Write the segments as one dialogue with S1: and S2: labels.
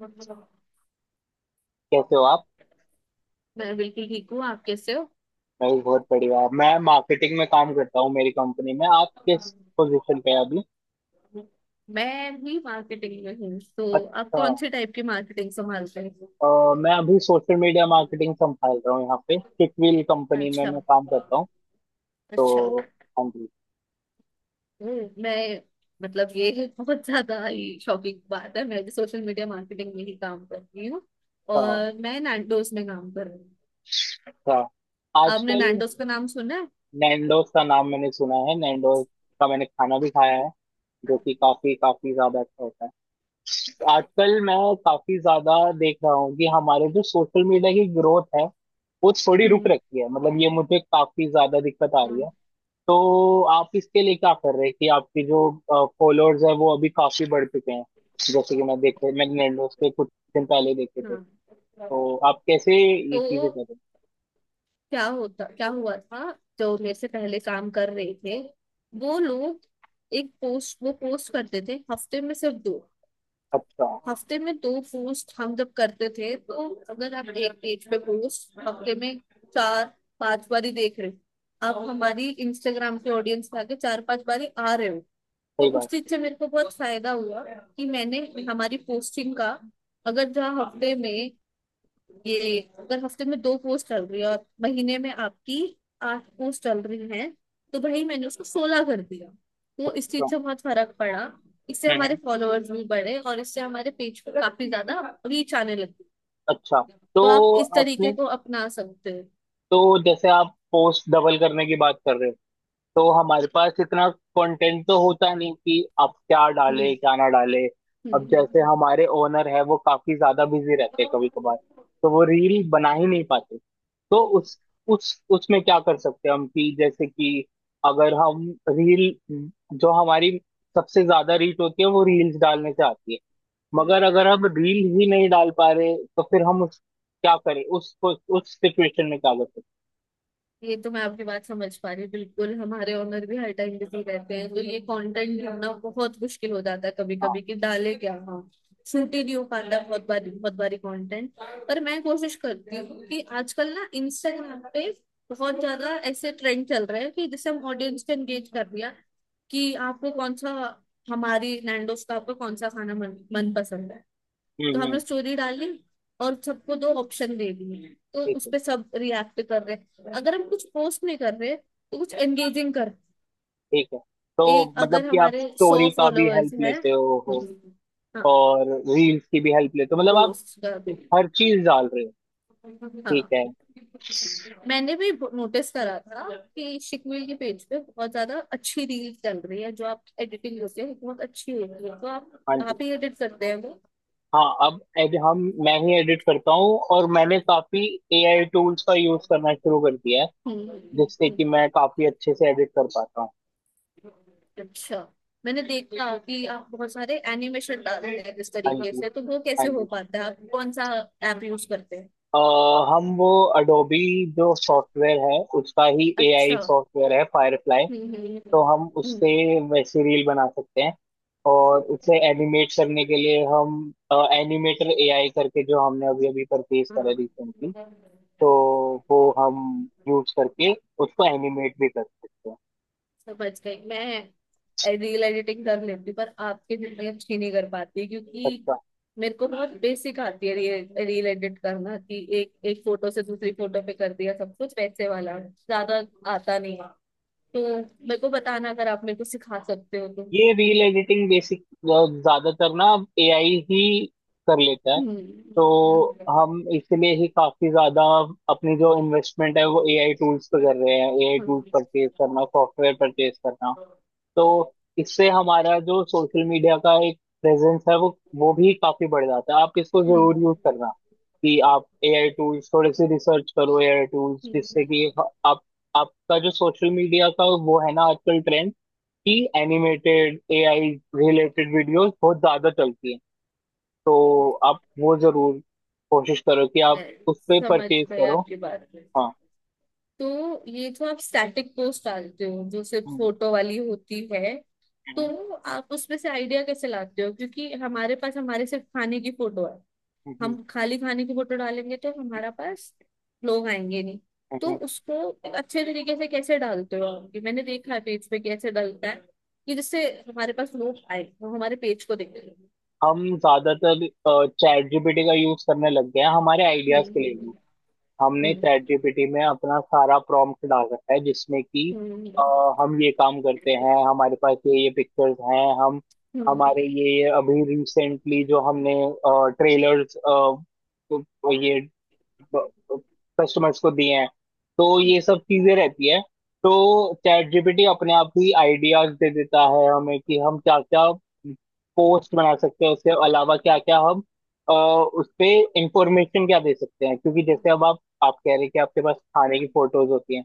S1: मैं
S2: कैसे हो आप?
S1: बिल्कुल ठीक हूँ। आप कैसे हो?
S2: मैं भी बहुत बढ़िया। मैं मार्केटिंग में काम करता हूँ मेरी कंपनी में। आप किस पोजीशन पे हैं अभी?
S1: मैं भी मार्केटिंग में हूँ, तो आप
S2: अच्छा।
S1: कौन से टाइप की मार्केटिंग संभालते हैं?
S2: मैं अभी सोशल मीडिया मार्केटिंग संभाल रहा हूँ, यहाँ पे किकविल कंपनी में
S1: अच्छा।
S2: मैं काम करता हूँ।
S1: अच्छा।
S2: तो, हाँ जी।
S1: मैं मतलब ये बहुत ज्यादा ही शॉकिंग बात है। मैं भी सोशल मीडिया मार्केटिंग में ही काम कर रही हूँ
S2: अच्छा,
S1: और मैं नैंडोस में काम कर रही हूँ।
S2: अच्छा।
S1: आपने
S2: आजकल
S1: नैंडोस का नाम सुना है?
S2: नैंडोज का नाम मैंने सुना है। नैंडोज का मैंने खाना भी खाया है, जो कि काफी काफी ज्यादा अच्छा होता है। आजकल मैं काफी ज्यादा देख रहा हूँ कि हमारे जो सोशल मीडिया की ग्रोथ है वो थोड़ी रुक
S1: हम्म।
S2: रखी है। मतलब ये मुझे काफी ज्यादा दिक्कत आ रही
S1: हम्म।
S2: है। तो आप इसके लिए क्या कर रहे हैं कि आपकी जो फॉलोअर्स है वो अभी काफी बढ़ चुके हैं? जैसे कि मैं देखे, मैंने Nandos पे कुछ दिन पहले देखे थे।
S1: हाँ,
S2: तो आप कैसे
S1: तो
S2: ये चीजें कर रहे हैं?
S1: क्या हुआ था, जो मेरे से पहले काम कर रहे थे वो लोग एक पोस्ट वो पोस्ट करते थे हफ्ते में सिर्फ 2।
S2: अच्छा।
S1: हफ्ते में 2 पोस्ट हम जब करते थे, तो अगर आप एक पेज पे पोस्ट हफ्ते में चार पांच बारी देख रहे हो, आप हमारी इंस्टाग्राम के ऑडियंस में आके चार पांच बारी आ रहे हो। तो
S2: सही
S1: उस
S2: बात है।
S1: चीज से मेरे को बहुत फायदा हुआ कि मैंने हमारी पोस्टिंग का अगर जहाँ हफ्ते में ये अगर हफ्ते में 2 पोस्ट चल रही है और महीने में आपकी 8 पोस्ट चल रही हैं, तो भाई मैंने उसको 16 कर दिया। तो इस
S2: हाँ।
S1: चीज से बहुत फर्क पड़ा। इससे
S2: हम्म,
S1: हमारे फॉलोअर्स भी बढ़े और इससे हमारे पेज पे काफी ज्यादा रीच आने लगी।
S2: अच्छा। तो
S1: तो आप इस तरीके
S2: आपने
S1: को अपना सकते हो।
S2: तो जैसे आप पोस्ट डबल करने की बात कर रहे हो, तो हमारे पास इतना कंटेंट तो होता नहीं कि अब क्या डाले
S1: हम्म।
S2: क्या ना डाले।
S1: हम्म।
S2: अब
S1: हम्म।
S2: जैसे हमारे ओनर है वो काफी ज्यादा बिजी रहते हैं कभी कभार, तो वो रील बना ही नहीं पाते। तो
S1: हम्म,
S2: उस उसमें क्या कर सकते हैं हम, कि जैसे कि अगर हम रील, जो हमारी सबसे ज्यादा रीच होती है वो रील्स डालने से आती है,
S1: हम्म।
S2: मगर अगर हम रील ही नहीं डाल पा रहे, तो फिर हम उस क्या करें उस सिचुएशन में क्या कर सकते
S1: ये तो मैं आपकी बात समझ पा रही हूँ, बिल्कुल। हमारे ओनर भी हर टाइम बिजी रहते हैं, तो ये कंटेंट ढूंढना बहुत मुश्किल हो जाता है कभी
S2: हैं? हाँ।
S1: कभी, कि डाले क्या हम। शूट ही नहीं हो पाता बहुत बारी, बहुत बारी कंटेंट। पर मैं कोशिश करती हूँ कि आजकल ना इंस्टाग्राम पे बहुत ज्यादा ऐसे ट्रेंड चल रहे हैं कि जिससे हम ऑडियंस को एंगेज कर दिया, कि आपको कौन सा, हमारी नैंडोस का आपको कौन सा खाना मन पसंद है। तो
S2: हम्म,
S1: हमने
S2: हम्म।
S1: स्टोरी डाली और सबको 2 ऑप्शन दे दिए, तो
S2: ठीक
S1: उस
S2: है,
S1: पे सब रिएक्ट कर रहे हैं। अगर हम कुछ पोस्ट नहीं कर रहे तो कुछ एंगेजिंग कर।
S2: ठीक है। तो
S1: एक
S2: मतलब
S1: अगर
S2: कि आप
S1: हमारे 100
S2: स्टोरी का भी
S1: फॉलोअर्स
S2: हेल्प
S1: है।
S2: लेते हो,
S1: हाँ।
S2: और रील्स की भी हेल्प लेते हो, मतलब आप
S1: पोस्ट कर भी।
S2: हर चीज डाल रहे हो। ठीक
S1: हाँ,
S2: है।
S1: मैंने भी नोटिस करा था कि शिकवीर के पेज पे बहुत ज्यादा अच्छी रील चल रही है, जो आप एडिटिंग होती है बहुत अच्छी होती है। तो आप
S2: हाँ जी।
S1: आप ही एडिट करते हैं वो?
S2: हाँ। अब एड, हम मैं ही एडिट करता हूँ, और मैंने काफी एआई टूल्स का यूज करना शुरू कर दिया है,
S1: हम्म, हम्म,
S2: जिससे कि
S1: हम्म।
S2: मैं काफी अच्छे से एडिट कर पाता हूँ।
S1: अच्छा, मैंने देखा कि आप बहुत सारे एनिमेशन डालते हैं इस
S2: हाँ
S1: तरीके
S2: जी,
S1: से, तो वो
S2: हाँ
S1: कैसे हो
S2: जी।
S1: पाता है? आप कौन सा ऐप यूज करते हैं?
S2: अ, हम वो अडोबी जो सॉफ्टवेयर है उसका ही एआई
S1: अच्छा।
S2: सॉफ्टवेयर है, फायरफ्लाई।
S1: हम्म।
S2: तो हम
S1: हम्म।
S2: उससे वैसे रील बना सकते हैं। और उसे एनिमेट करने के लिए हम एनिमेटर एआई करके, जो हमने अभी अभी परचेज करा
S1: हम्म।
S2: रिसेंटली, तो वो हम यूज करके उसको एनिमेट भी कर सकते हैं।
S1: समझ गई मैं। रील एडिटिंग कर लेती हूँ, पर आपके जितनी अच्छी नहीं कर पाती, क्योंकि
S2: अच्छा।
S1: मेरे को बहुत बेसिक आती है रील, रील एडिट करना कि एक एक फोटो से दूसरी फोटो पे कर दिया। सब कुछ वैसे वाला ज्यादा आता नहीं, तो मेरे को बताना अगर आप मेरे को सिखा सकते हो तो।
S2: ये रील एडिटिंग बेसिक ज्यादातर ना एआई ही कर लेता है। तो
S1: हम्म।
S2: हम इसलिए ही काफी ज्यादा अपनी जो इन्वेस्टमेंट है वो एआई टूल्स पे कर रहे हैं, एआई टूल्स
S1: हम्म,
S2: परचेज करना, सॉफ्टवेयर परचेज करना। तो इससे हमारा जो सोशल मीडिया का एक प्रेजेंस है वो भी काफी बढ़ जाता है। आप इसको जरूर यूज करना, कि आप एआई टूल्स थोड़े से रिसर्च करो, एआई टूल्स,
S1: हम्म,
S2: जिससे कि आप, आपका जो सोशल मीडिया का वो है ना, आजकल ट्रेंड कि एनिमेटेड एआई रिलेटेड वीडियोस बहुत ज्यादा चलती हैं, तो आप वो जरूर कोशिश करो कि आप
S1: मैं
S2: उस पे
S1: समझ
S2: परचेज
S1: गए
S2: करो।
S1: आपकी बात।
S2: हाँ।
S1: तो ये जो आप स्टैटिक पोस्ट डालते हो, जो सिर्फ
S2: हम्म,
S1: फोटो वाली होती है,
S2: हम्म,
S1: तो आप उसमें से आइडिया कैसे लाते हो? क्योंकि हमारे पास हमारे सिर्फ खाने की फोटो है।
S2: हम्म,
S1: हम खाली खाने की फोटो डालेंगे तो हमारा पास लोग आएंगे नहीं। तो
S2: हम्म।
S1: उसको अच्छे तरीके से कैसे डालते हो आप? कि मैंने देखा है पेज पे कैसे डालता है, कि जिससे हमारे पास लोग आए, वो हमारे पेज को देखें।
S2: हम ज्यादातर चैट जीपीटी का यूज करने लग गए हैं हमारे आइडियाज के
S1: हम्म।
S2: लिए भी। हमने
S1: हम्म
S2: चैट जीपीटी में अपना सारा प्रॉम्प्ट डाल रखा है, जिसमें कि
S1: हम्म।
S2: अ,
S1: हम्म।
S2: हम ये काम करते हैं, हमारे पास ये पिक्चर्स हैं। हम
S1: हम्म,
S2: हमारे ये अभी रिसेंटली जो हमने ट्रेलर्स ये कस्टमर्स को दिए हैं, तो
S1: हम्म,
S2: ये सब चीजें रहती है। तो चैट जीपीटी अपने आप ही आइडियाज दे देता है हमें कि हम क्या क्या पोस्ट बना सकते हैं, उसके अलावा क्या
S1: हम्म,
S2: क्या हम, उस पे इंफॉर्मेशन क्या दे सकते हैं। क्योंकि
S1: हम्म,
S2: जैसे अब आप कह रहे हैं कि आपके पास खाने की फोटोज होती हैं,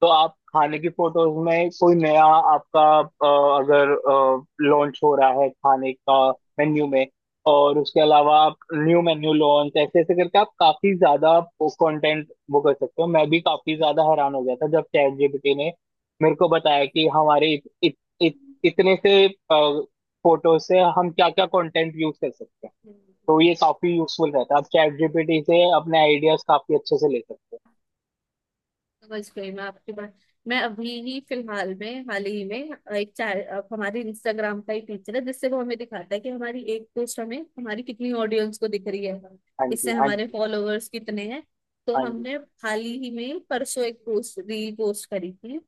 S2: तो आप खाने की फोटोज में कोई नया आपका, अगर लॉन्च हो रहा है खाने का मेन्यू में, और उसके अलावा आप न्यू मेन्यू लॉन्च ऐसे ऐसे करके आप काफी ज्यादा कंटेंट वो कर सकते हो। मैं भी काफी ज्यादा हैरान हो गया था जब चैट जीपीटी ने मेरे को बताया कि हमारे इत, इत, इत, इतने से फोटो से हम क्या क्या कंटेंट यूज कर सकते हैं। तो ये काफी यूजफुल रहता है, आप चैट जीपीटी से अपने आइडियाज काफी अच्छे से ले सकते
S1: समझ गई मैं आपकी बात। मैं अभी ही फिलहाल में, हाल ही में, एक चैट हमारे इंस्टाग्राम का ही फीचर है जिससे वो हमें दिखाता है कि हमारी एक पोस्ट हमें हमारी कितनी ऑडियंस को दिख रही है,
S2: हैं। हाँ जी,
S1: इससे
S2: हाँ
S1: हमारे
S2: जी,
S1: फॉलोअर्स कितने हैं। तो
S2: हाँ जी।
S1: हमने हाल ही में परसों एक पोस्ट, रील पोस्ट करी थी,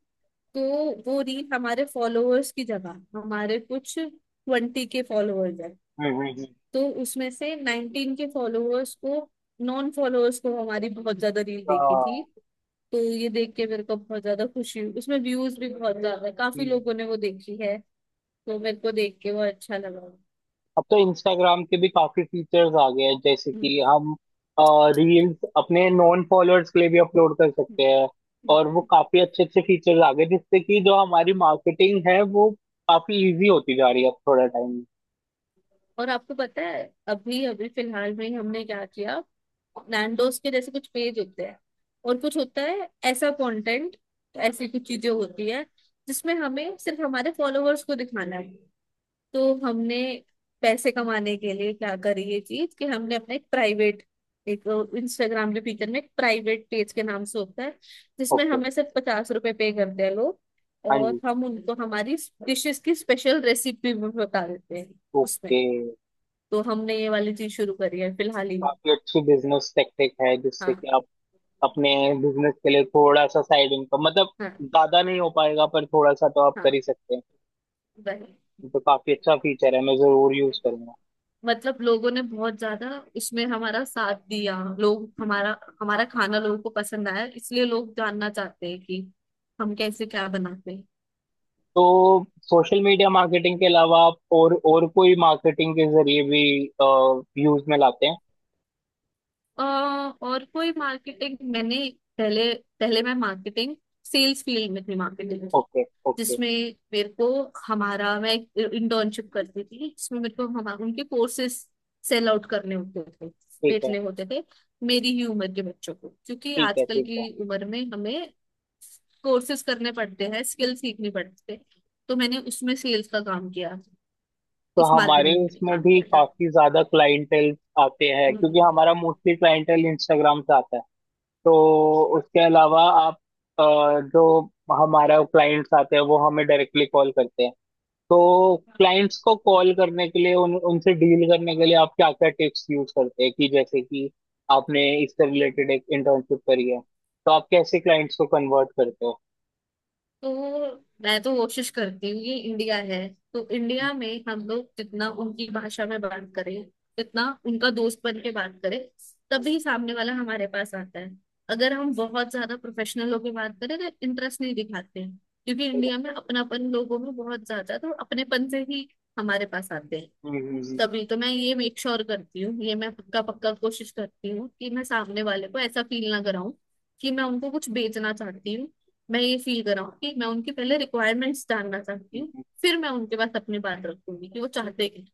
S1: तो वो रील हमारे फॉलोअर्स की जगह, हमारे कुछ 20 के फॉलोअर्स हैं,
S2: हम्म, हम्म,
S1: तो उसमें से 19 के फॉलोअर्स को, नॉन फॉलोअर्स को हमारी बहुत ज्यादा रील देखी थी।
S2: हाँ।
S1: तो ये देख के मेरे को बहुत ज्यादा खुशी हुई। उसमें व्यूज भी बहुत ज्यादा है, काफी
S2: हम्म।
S1: लोगों ने वो देखी है। तो मेरे को देख के वो अच्छा लगा।
S2: अब तो इंस्टाग्राम के भी काफी फीचर्स आ गए हैं, जैसे कि
S1: हम्म,
S2: हम रील्स अपने नॉन फॉलोअर्स के लिए भी अपलोड कर सकते
S1: हम्म।
S2: हैं। और वो
S1: हम्म।
S2: काफी अच्छे अच्छे फीचर्स आ गए, जिससे कि जो हमारी मार्केटिंग है वो काफी इजी होती जा रही है अब थोड़ा टाइम।
S1: और आपको पता है अभी अभी फिलहाल में ही हमने क्या किया? नैंडोस के जैसे कुछ पेज होते हैं और कुछ होता है ऐसा कंटेंट, ऐसी कुछ चीजें होती है जिसमें हमें सिर्फ हमारे फॉलोअर्स को दिखाना है। तो हमने पैसे कमाने के लिए क्या करी ये चीज, कि हमने अपना एक प्राइवेट, एक इंस्टाग्राम के फीचर में एक प्राइवेट पेज के नाम से होता है, जिसमें
S2: ओके।
S1: हमें सिर्फ 50 रुपए पे करते हैं लोग,
S2: हाँ
S1: और
S2: जी।
S1: हम उनको हमारी डिशेस की स्पेशल रेसिपी भी बता देते हैं उसमें।
S2: ओके।
S1: तो हमने ये वाली चीज शुरू करी है फिलहाल ही।
S2: काफी अच्छी बिजनेस टेक्निक है, जिससे कि
S1: हाँ।
S2: आप अपने बिजनेस के लिए थोड़ा सा साइड इनकम, मतलब
S1: हाँ।
S2: ज्यादा नहीं हो पाएगा पर थोड़ा सा तो आप
S1: हाँ,
S2: कर ही सकते हैं।
S1: वही।
S2: ये तो काफी अच्छा फीचर है, मैं जरूर यूज करूंगा।
S1: मतलब लोगों ने बहुत ज्यादा उसमें हमारा साथ दिया। लोग हमारा हमारा खाना लोगों को पसंद आया, इसलिए लोग जानना चाहते हैं कि हम कैसे क्या बनाते हैं।
S2: तो सोशल मीडिया मार्केटिंग के अलावा आप और कोई मार्केटिंग के जरिए भी यूज में लाते हैं?
S1: अ, और कोई मार्केटिंग, मैंने पहले, पहले मैं मार्केटिंग, सेल्स फील्ड में थी मार्केटिंग,
S2: ओके, ओके।
S1: जिसमें मेरे को, हमारा मैं इंटर्नशिप करती थी जिसमें मेरे को हमारे उनके कोर्सेस सेल आउट करने होते थे,
S2: ठीक है,
S1: बेचने होते थे, मेरी ही उम्र के बच्चों को, क्योंकि
S2: ठीक है,
S1: आजकल
S2: ठीक है।
S1: की उम्र में हमें कोर्सेज करने पड़ते हैं, स्किल सीखनी पड़ती है। तो मैंने उसमें सेल्स का काम किया,
S2: तो
S1: इस
S2: हमारे
S1: मार्केटिंग में मैंने
S2: उसमें
S1: काम
S2: भी
S1: किया था।
S2: काफी ज्यादा क्लाइंटेल आते हैं, क्योंकि
S1: हम्म।
S2: हमारा मोस्टली क्लाइंटेल इंस्टाग्राम से आता है। तो उसके अलावा आप, अ, जो हमारा क्लाइंट्स आते हैं वो हमें डायरेक्टली कॉल करते हैं। तो क्लाइंट्स को कॉल करने के लिए, उन उनसे डील करने के लिए आप क्या क्या टिप्स यूज करते हैं, कि जैसे कि आपने इससे रिलेटेड एक इंटर्नशिप करी है, तो आप कैसे क्लाइंट्स को कन्वर्ट करते हो?
S1: तो मैं तो कोशिश करती हूँ, ये इंडिया है तो
S2: हम्म,
S1: इंडिया में हम लोग जितना उनकी भाषा में बात करें, जितना उनका दोस्त बन के बात करें, तभी सामने वाला हमारे पास आता है। अगर हम बहुत ज्यादा प्रोफेशनल होकर बात करें तो इंटरेस्ट नहीं दिखाते हैं, क्योंकि इंडिया में अपनापन लोगों में बहुत ज्यादा है, तो अपनेपन से ही हमारे पास आते हैं।
S2: हम्म,
S1: तभी तो मैं ये मेक श्योर करती हूँ, ये मैं पक्का पक्का कोशिश करती हूँ कि मैं सामने वाले को ऐसा फील ना कराऊं कि मैं उनको कुछ बेचना चाहती हूँ। मैं ये फील कराऊं कि मैं उनकी पहले रिक्वायरमेंट्स जानना चाहती
S2: हम्म,
S1: हूँ,
S2: हम्म।
S1: फिर मैं उनके पास अपनी बात रखूंगी कि वो चाहते क्या।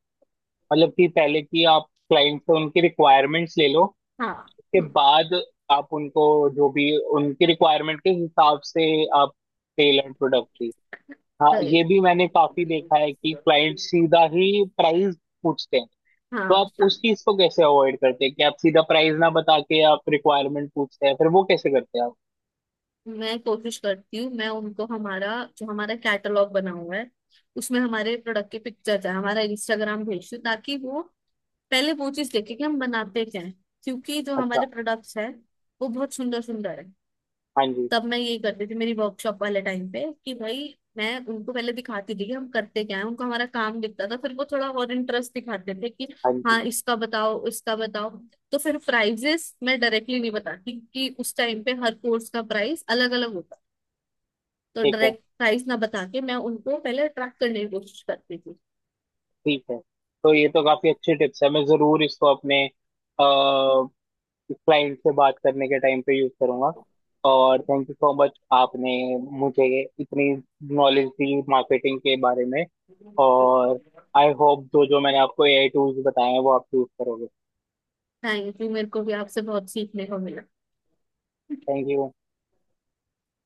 S2: मतलब कि पहले कि आप क्लाइंट से उनकी रिक्वायरमेंट्स ले लो,
S1: हाँ
S2: उसके बाद आप उनको, जो भी उनकी रिक्वायरमेंट के हिसाब से, आप टेलर प्रोडक्ट दी। हाँ,
S1: गए।
S2: ये भी मैंने काफी देखा है कि क्लाइंट सीधा ही प्राइस पूछते हैं।
S1: हाँ,
S2: तो
S1: हाँ।
S2: आप उस चीज को कैसे अवॉइड करते हैं कि आप सीधा प्राइस ना बता के आप रिक्वायरमेंट पूछते हैं, फिर वो कैसे करते हैं आप?
S1: मैं कोशिश करती हूँ, मैं उनको हमारा, जो हमारा कैटलॉग बना हुआ है, उसमें हमारे प्रोडक्ट की पिक्चर है, हमारा इंस्टाग्राम भेजती हूँ ताकि वो पहले वो चीज देखे कि हम बनाते क्या है, क्योंकि जो हमारे
S2: अच्छा।
S1: प्रोडक्ट्स हैं वो बहुत सुंदर सुंदर है।
S2: हाँ जी,
S1: तब मैं यही करती थी मेरी वर्कशॉप वाले टाइम पे कि भाई, मैं उनको पहले दिखाती थी कि हम करते क्या है, उनको हमारा काम दिखता था फिर वो थोड़ा और इंटरेस्ट दिखाते थे कि
S2: हाँ जी।
S1: हाँ इसका बताओ, इसका बताओ। तो फिर प्राइजेस मैं डायरेक्टली नहीं बताती कि उस टाइम पे हर कोर्स का प्राइस अलग अलग होता। तो
S2: ठीक है,
S1: डायरेक्ट प्राइस ना बता के मैं उनको पहले अट्रैक्ट करने की कोशिश करती थी।
S2: ठीक है। तो ये तो काफी अच्छी टिप्स है, मैं जरूर इसको अपने क्लाइंट से बात करने के टाइम पे यूज करूंगा। और थैंक यू सो मच, आपने मुझे इतनी नॉलेज दी मार्केटिंग के बारे में। और आई होप जो जो मैंने आपको एआई टूल्स बताए हैं वो आप यूज करोगे।
S1: थैंक यू, मेरे को भी आपसे बहुत सीखने को मिला।
S2: Thank you.